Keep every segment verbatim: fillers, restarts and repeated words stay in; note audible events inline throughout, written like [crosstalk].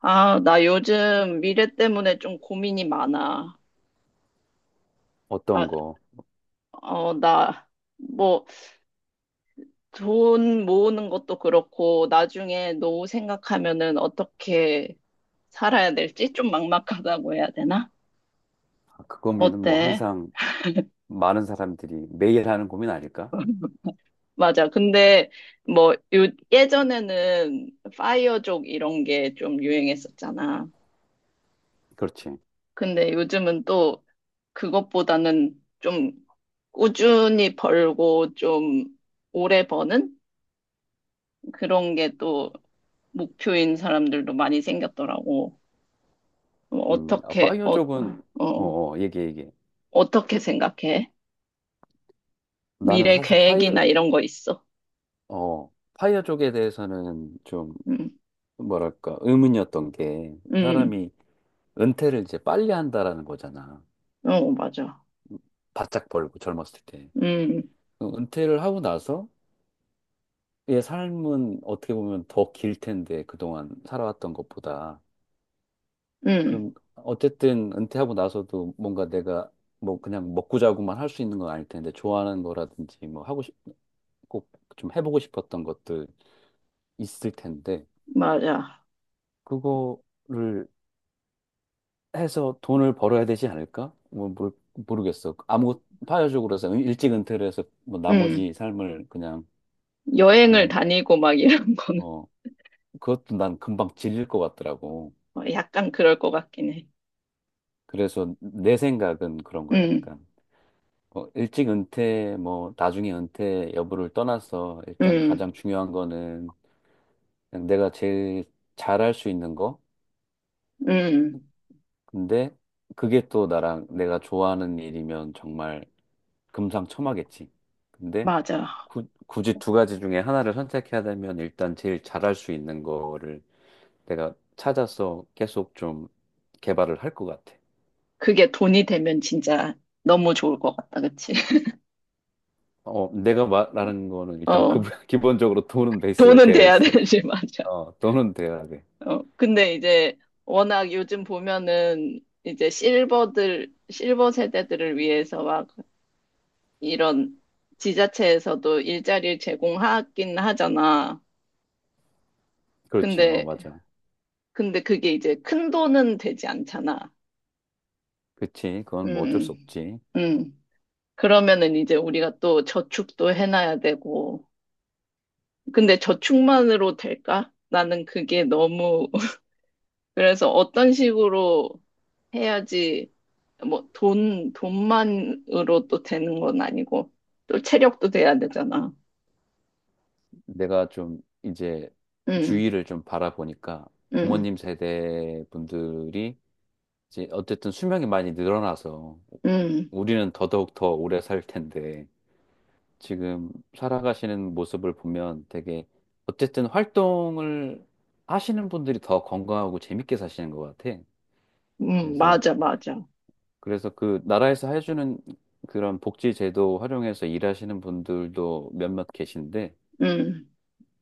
아, 나 요즘 미래 때문에 좀 고민이 많아. 어떤 아, 거? 어, 나, 뭐, 돈 모으는 것도 그렇고, 나중에 노후 생각하면은 어떻게 살아야 될지 좀 막막하다고 해야 되나? 아, 그 고민은 뭐 어때? 항상 많은 사람들이 매일 하는 고민 아닐까? [laughs] 맞아. 근데, 뭐, 요, 예전에는 파이어족 이런 게 좀 유행했었잖아. 그렇지. 근데 요즘은 또 그것보다는 좀 꾸준히 벌고 좀 오래 버는? 그런 게 또 목표인 사람들도 많이 생겼더라고. 어, 음, 아, 어떻게, 파이어 어, 쪽은, 어, 어, 어, 얘기해, 얘기해. 어떻게 생각해? 나는 미래 사실 계획이나 파이어, 이런 거 있어? 어, 파이어 쪽에 대해서는 좀, 음, 뭐랄까, 의문이었던 게, 음, 사람이 은퇴를 이제 빨리 한다라는 거잖아. 어, 맞아. 바짝 벌고 젊었을 때. 음, 그 은퇴를 하고 나서, 얘 삶은 어떻게 보면 더 길 텐데, 그동안 살아왔던 것보다. 음, 그럼 어쨌든 은퇴하고 나서도 뭔가 내가 뭐 그냥 먹고 자고만 할 수 있는 건 아닐 텐데 좋아하는 거라든지 뭐 하고 싶, 꼭 좀 해보고 싶었던 것들 있을 텐데 맞아. 그거를 해서 돈을 벌어야 되지 않을까? 뭐 모르, 모르겠어. 아무 것 파격적으로 해서 은- 일찍 은퇴를 해서 뭐 음, 나머지 삶을 그냥 여행을 그냥 다니고 막 이런 [laughs] 거는 어 그것도 난 금방 질릴 것 같더라고. 어, 약간 그럴 것 같긴 해. 그래서 내 생각은 그런 거야, 음, 약간. 어, 일찍 은퇴, 뭐, 나중에 은퇴 여부를 떠나서 일단 음, 가장 중요한 거는 그냥 내가 제일 잘할 수 있는 거. 음, 근데 그게 또 나랑 내가 좋아하는 일이면 정말 금상첨화겠지. 근데 맞아. 구- 굳이 두 가지 중에 하나를 선택해야 되면 일단 제일 잘할 수 있는 거를 내가 찾아서 계속 좀 개발을 할 것 같아. 그게 돈이 되면 진짜 너무 좋을 것 같다, 그치? [laughs] 어, 내가 말하는 거는 일단 그, 어, [laughs] 기본적으로 돈은 베이스가 돈은 되어 돼야 있어야 돼. 되지, [laughs] 맞아. 어, 돈은 돼야 돼. 어, 근데 이제 워낙 요즘 보면은 이제 실버들, 실버 세대들을 위해서 막 이런 지자체에서도 일자리를 제공하긴 하잖아. 그렇지. 어, 근데, 맞아. 근데 그게 이제 큰 돈은 되지 않잖아. 그치. 그건 뭐 어쩔 음, 수 없지. 음. 그러면은 이제 우리가 또 저축도 해놔야 되고. 근데 저축만으로 될까? 나는 그게 너무 그래서 어떤 식으로 해야지 뭐 돈, 돈만으로 또 되는 건 아니고 또 체력도 돼야 되잖아. 내가 좀 이제 응, 주위를 좀 바라보니까 응, 부모님 세대 분들이 이제 어쨌든 수명이 많이 늘어나서 응, 우리는 더더욱 더 오래 살 텐데 지금 살아가시는 모습을 보면 되게 어쨌든 활동을 하시는 분들이 더 건강하고 재밌게 사시는 것 같아. 응, 그래서, 맞아, 맞아. 그래서 그 나라에서 해주는 그런 복지 제도 활용해서 일하시는 분들도 몇몇 계신데 응,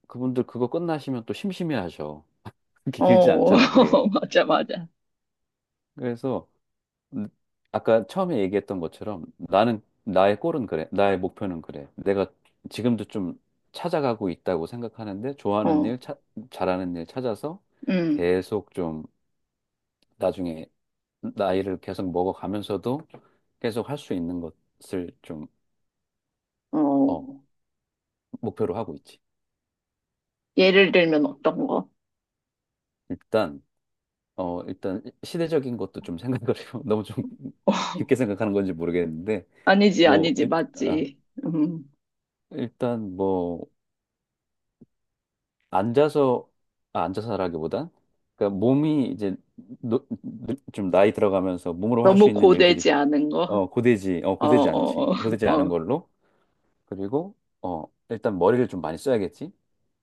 그분들 그거 끝나시면 또 심심해하셔. [laughs] 그렇게 길지 어, 않잖아, 그게. [laughs] 맞아, 맞아. 그래서 음, 아까 처음에 얘기했던 것처럼 나는 나의 골은 그래. 나의 목표는 그래. 내가 지금도 좀 찾아가고 있다고 생각하는데 좋아하는 어, 일, 차- 잘하는 일 찾아서 응, 계속 좀 나중에 나이를 계속 먹어가면서도 계속 할 수 있는 것을 좀, 어. 어, 목표로 하고 있지. 예를 들면 어떤 거? 일단, 어, 일단 시대적인 것도 좀 생각을 해요. [laughs] 너무 좀 [laughs] 깊게 생각하는 건지 모르겠는데 아니지, 뭐, 아니지, 일, 아, 맞지. 음, 일단 뭐, 앉아서, 아, 앉아서라기보단, 그러니까 몸이 이제 노- 노- 좀 나이 들어가면서 몸으로 할 수 너무 있는 일들이 고되지 않은 거? 어, 고되지, 어, 어, 고되지 않지. 어, 고되지 않은 어, 걸로. 그리고, 어, 일단 머리를 좀 많이 써야겠지.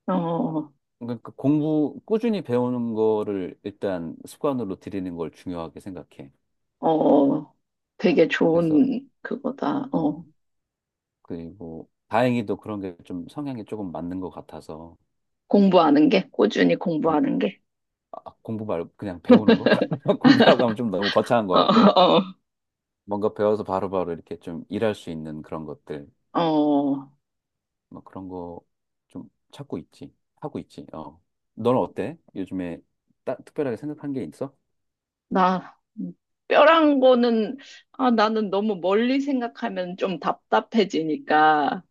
어, 어, 그러니까 그 공부, 꾸준히 배우는 거를 일단 습관으로 들이는 걸 중요하게 생각해. 어, 되게 그래서, 좋은 그거다. 어, 어, 그리고 다행히도 그런 게 좀 성향이 조금 맞는 것 같아서, 공부하는 게, 꾸준히 어, 공부하는 게. 아, 공부 말고 그냥 배우는 거? [laughs] 공부라고 하면 좀 너무 거창한 어, 것 같고 어, 뭔가 배워서 바로바로 이렇게 좀 일할 수 있는 그런 것들 어, 어. 뭐 그런 거 좀 찾고 있지. 하고 있지. 어 너는 어때? 요즘에 따, 특별하게 생각한 게 있어? 나, 뼈란 거는, 아, 나는 너무 멀리 생각하면 좀 답답해지니까,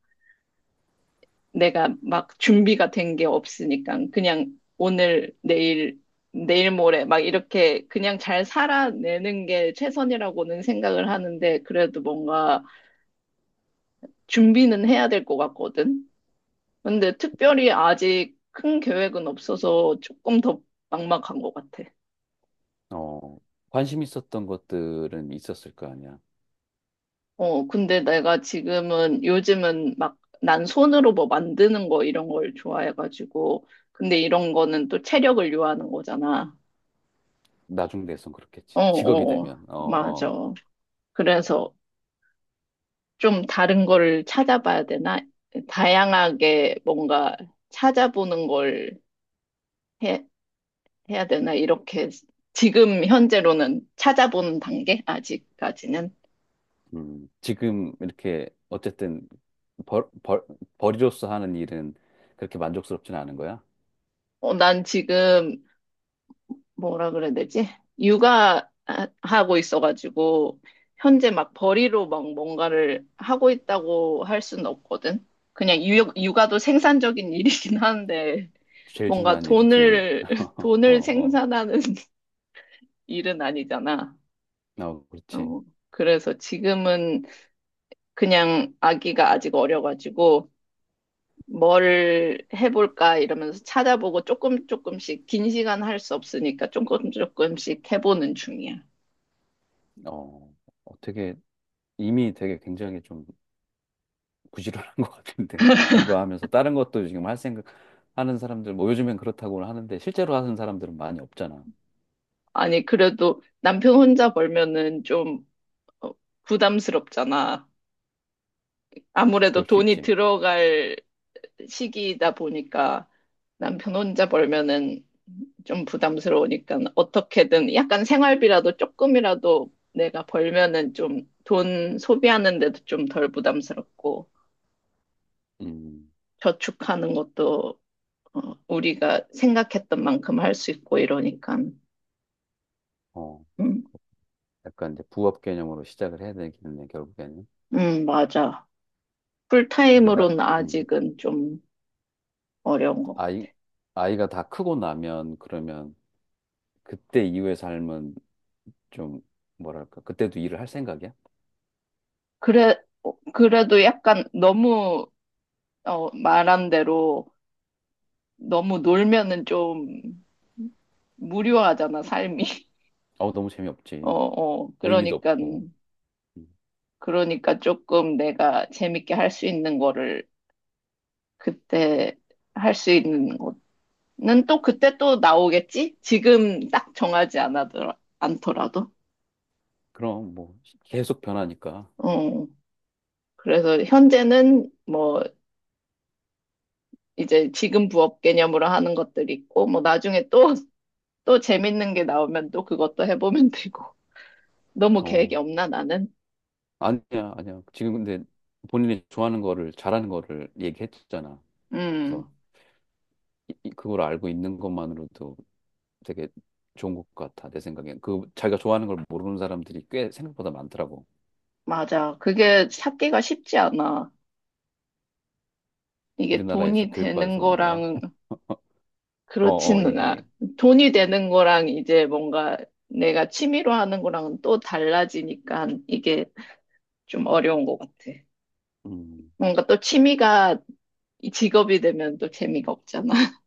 내가 막 준비가 된 게 없으니까, 그냥 오늘, 내일, 내일 모레, 막 이렇게 그냥 잘 살아내는 게 최선이라고는 생각을 하는데, 그래도 뭔가 준비는 해야 될 것 같거든? 근데 특별히 아직 큰 계획은 없어서 조금 더 막막한 것 같아. 어 관심 있었던 것들은 있었을 거 아니야. 어, 근데 내가 지금은 요즘은 막 난 손으로 뭐 만드는 거 이런 걸 좋아해가지고 근데 이런 거는 또 체력을 요하는 거잖아. 나중 돼선 그렇겠지. 어, 직업이 어, 어, 되면. 맞아. 어어 그래서 좀 다른 거를 찾아봐야 되나? 다양하게 뭔가 찾아보는 걸 해, 해야 되나? 이렇게 지금 현재로는 찾아보는 단계? 아직까지는. 음 지금 이렇게 어쨌든 벌, 벌, 벌이로서 하는 일은 그렇게 만족스럽진 않은 거야? 어, 난 지금 뭐라 그래야 되지? 육아하고 있어가지고, 현재 막 벌이로 막 뭔가를 하고 있다고 할 수는 없거든. 그냥 유, 육아도 생산적인 [laughs] 일이긴 한데, 제일 뭔가 중요한 일이지. 돈을, [laughs] [laughs] 어, 돈을 어, 생산하는 [laughs] 일은 아니잖아. 어, 그렇지. 어, 그래서 지금은 그냥 아기가 아직 어려가지고, 뭘 해볼까 이러면서 찾아보고 조금 조금씩 긴 시간 할 수 없으니까 조금 조금씩 해보는 중이야. 어, 어떻게 이미 되게 굉장히 좀 부지런한 [laughs] 것 같은데 육아하면서 다른 것도 지금 할 생각 하는 사람들 뭐 요즘엔 그렇다고 하는데 실제로 하는 사람들은 많이 없잖아. 아니, 그래도 남편 혼자 벌면은 좀 어, 부담스럽잖아. 아무래도 그럴 수 돈이 있지. 들어갈 시기이다 보니까 남편 혼자 벌면은 좀 부담스러우니까 어떻게든 약간 생활비라도 조금이라도 내가 벌면은 좀 돈 소비하는 데도 좀 덜 부담스럽고 음, 저축하는 것도 어, 우리가 생각했던 만큼 할 수 있고 이러니까. 어, 음, 약간 이제 부업 개념으로 시작을 해야 되겠네 결국에는. 음, 맞아. 근데 나, 풀타임으로는 음, 아직은 좀 어려운 거. 아이 아이가 다 크고 나면 그러면 그때 이후의 삶은 좀 뭐랄까 그때도 일을 할 생각이야? 그래, 어, 그래도 약간 너무, 어, 말한 대로 너무 놀면은 좀 무료하잖아, 삶이. [laughs] 어, 너무 어, 재미없지. 어. 의미도 그러니까, 없고. 음, 그러니까 조금 내가 재밌게 할 수 있는 거를 그때 할 수 있는 거는 또 그때 또 나오겠지? 지금 딱 정하지 않아더라, 않더라도. 그럼 뭐 계속 변하니까. 어. 그래서 현재는 뭐, 이제 지금 부업 개념으로 하는 것들이 있고, 뭐 나중에 또 또 재밌는 게 나오면 또 그것도 해보면 되고. [laughs] 너무 계획이 어, 없나, 나는? 아니야, 아니야. 지금 근데 본인이 좋아하는 거를 잘하는 거를 얘기했잖아. 음, 그래서 이- 이- 그걸 알고 있는 것만으로도 되게 좋은 것 같아. 내 생각엔. 그 자기가 좋아하는 걸 모르는 사람들이 꽤 생각보다 많더라고. 맞아. 그게 찾기가 쉽지 않아. 이게 우리나라에서 돈이 되는 교육받아서 그런가? 거랑 [laughs] 어, 어, 그렇지는 않아. 얘기해. 돈이 되는 거랑 이제 뭔가 내가 취미로 하는 거랑은 또 달라지니까 이게 좀 어려운 것 같아. 음, 뭔가 또 취미가 이 직업이 되면 또 재미가 없잖아? [laughs]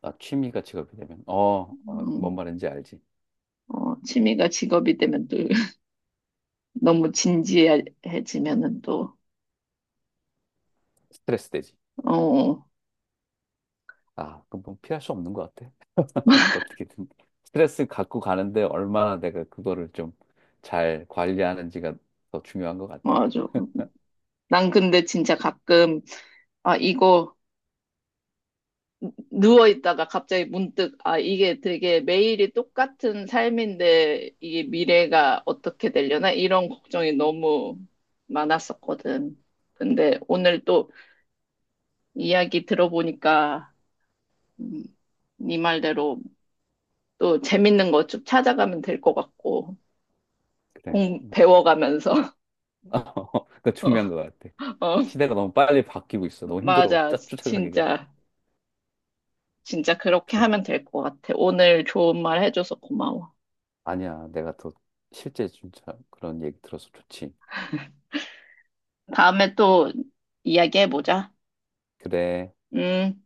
나 취미가 직업이 되면 어, 어, 음, 뭔 말인지 알지. 어, 취미가 직업이 되면 또 [laughs] 너무 진지해지면은 또, 스트레스 되지. 어, 아, 그건 뭐 피할 수 없는 것 같아. 어떻게든 스트레스 갖고 가는데 얼마나 내가 그거를 좀 잘 관리하는지가 더 중요한 것 같아. 맞아. 난 근데 진짜 가끔, 아, 이거 누워있다가 갑자기 문득, 아, 이게 되게 매일이 똑같은 삶인데 이게 미래가 어떻게 되려나? 이런 걱정이 너무 많았었거든. 근데 오늘 또 이야기 들어보니까, 음, 네 말대로 또 재밌는 거 좀 찾아가면 될 것 같고, 그래, 공, 맞아. 배워가면서. [laughs] [laughs] 그거 어, 중요한 것 같아. 어, 시대가 너무 빨리 바뀌고 있어. 너무 힘들어. 맞아. 짜 쫓아가기가. 진짜, 진짜 그렇게 그래. 하면 될 것 같아. 오늘 좋은 말 해줘서 고마워. 아니야, 내가 더 실제 진짜 그런 얘기 들어서 좋지. 다음에 또 이야기해보자. 그래. 음.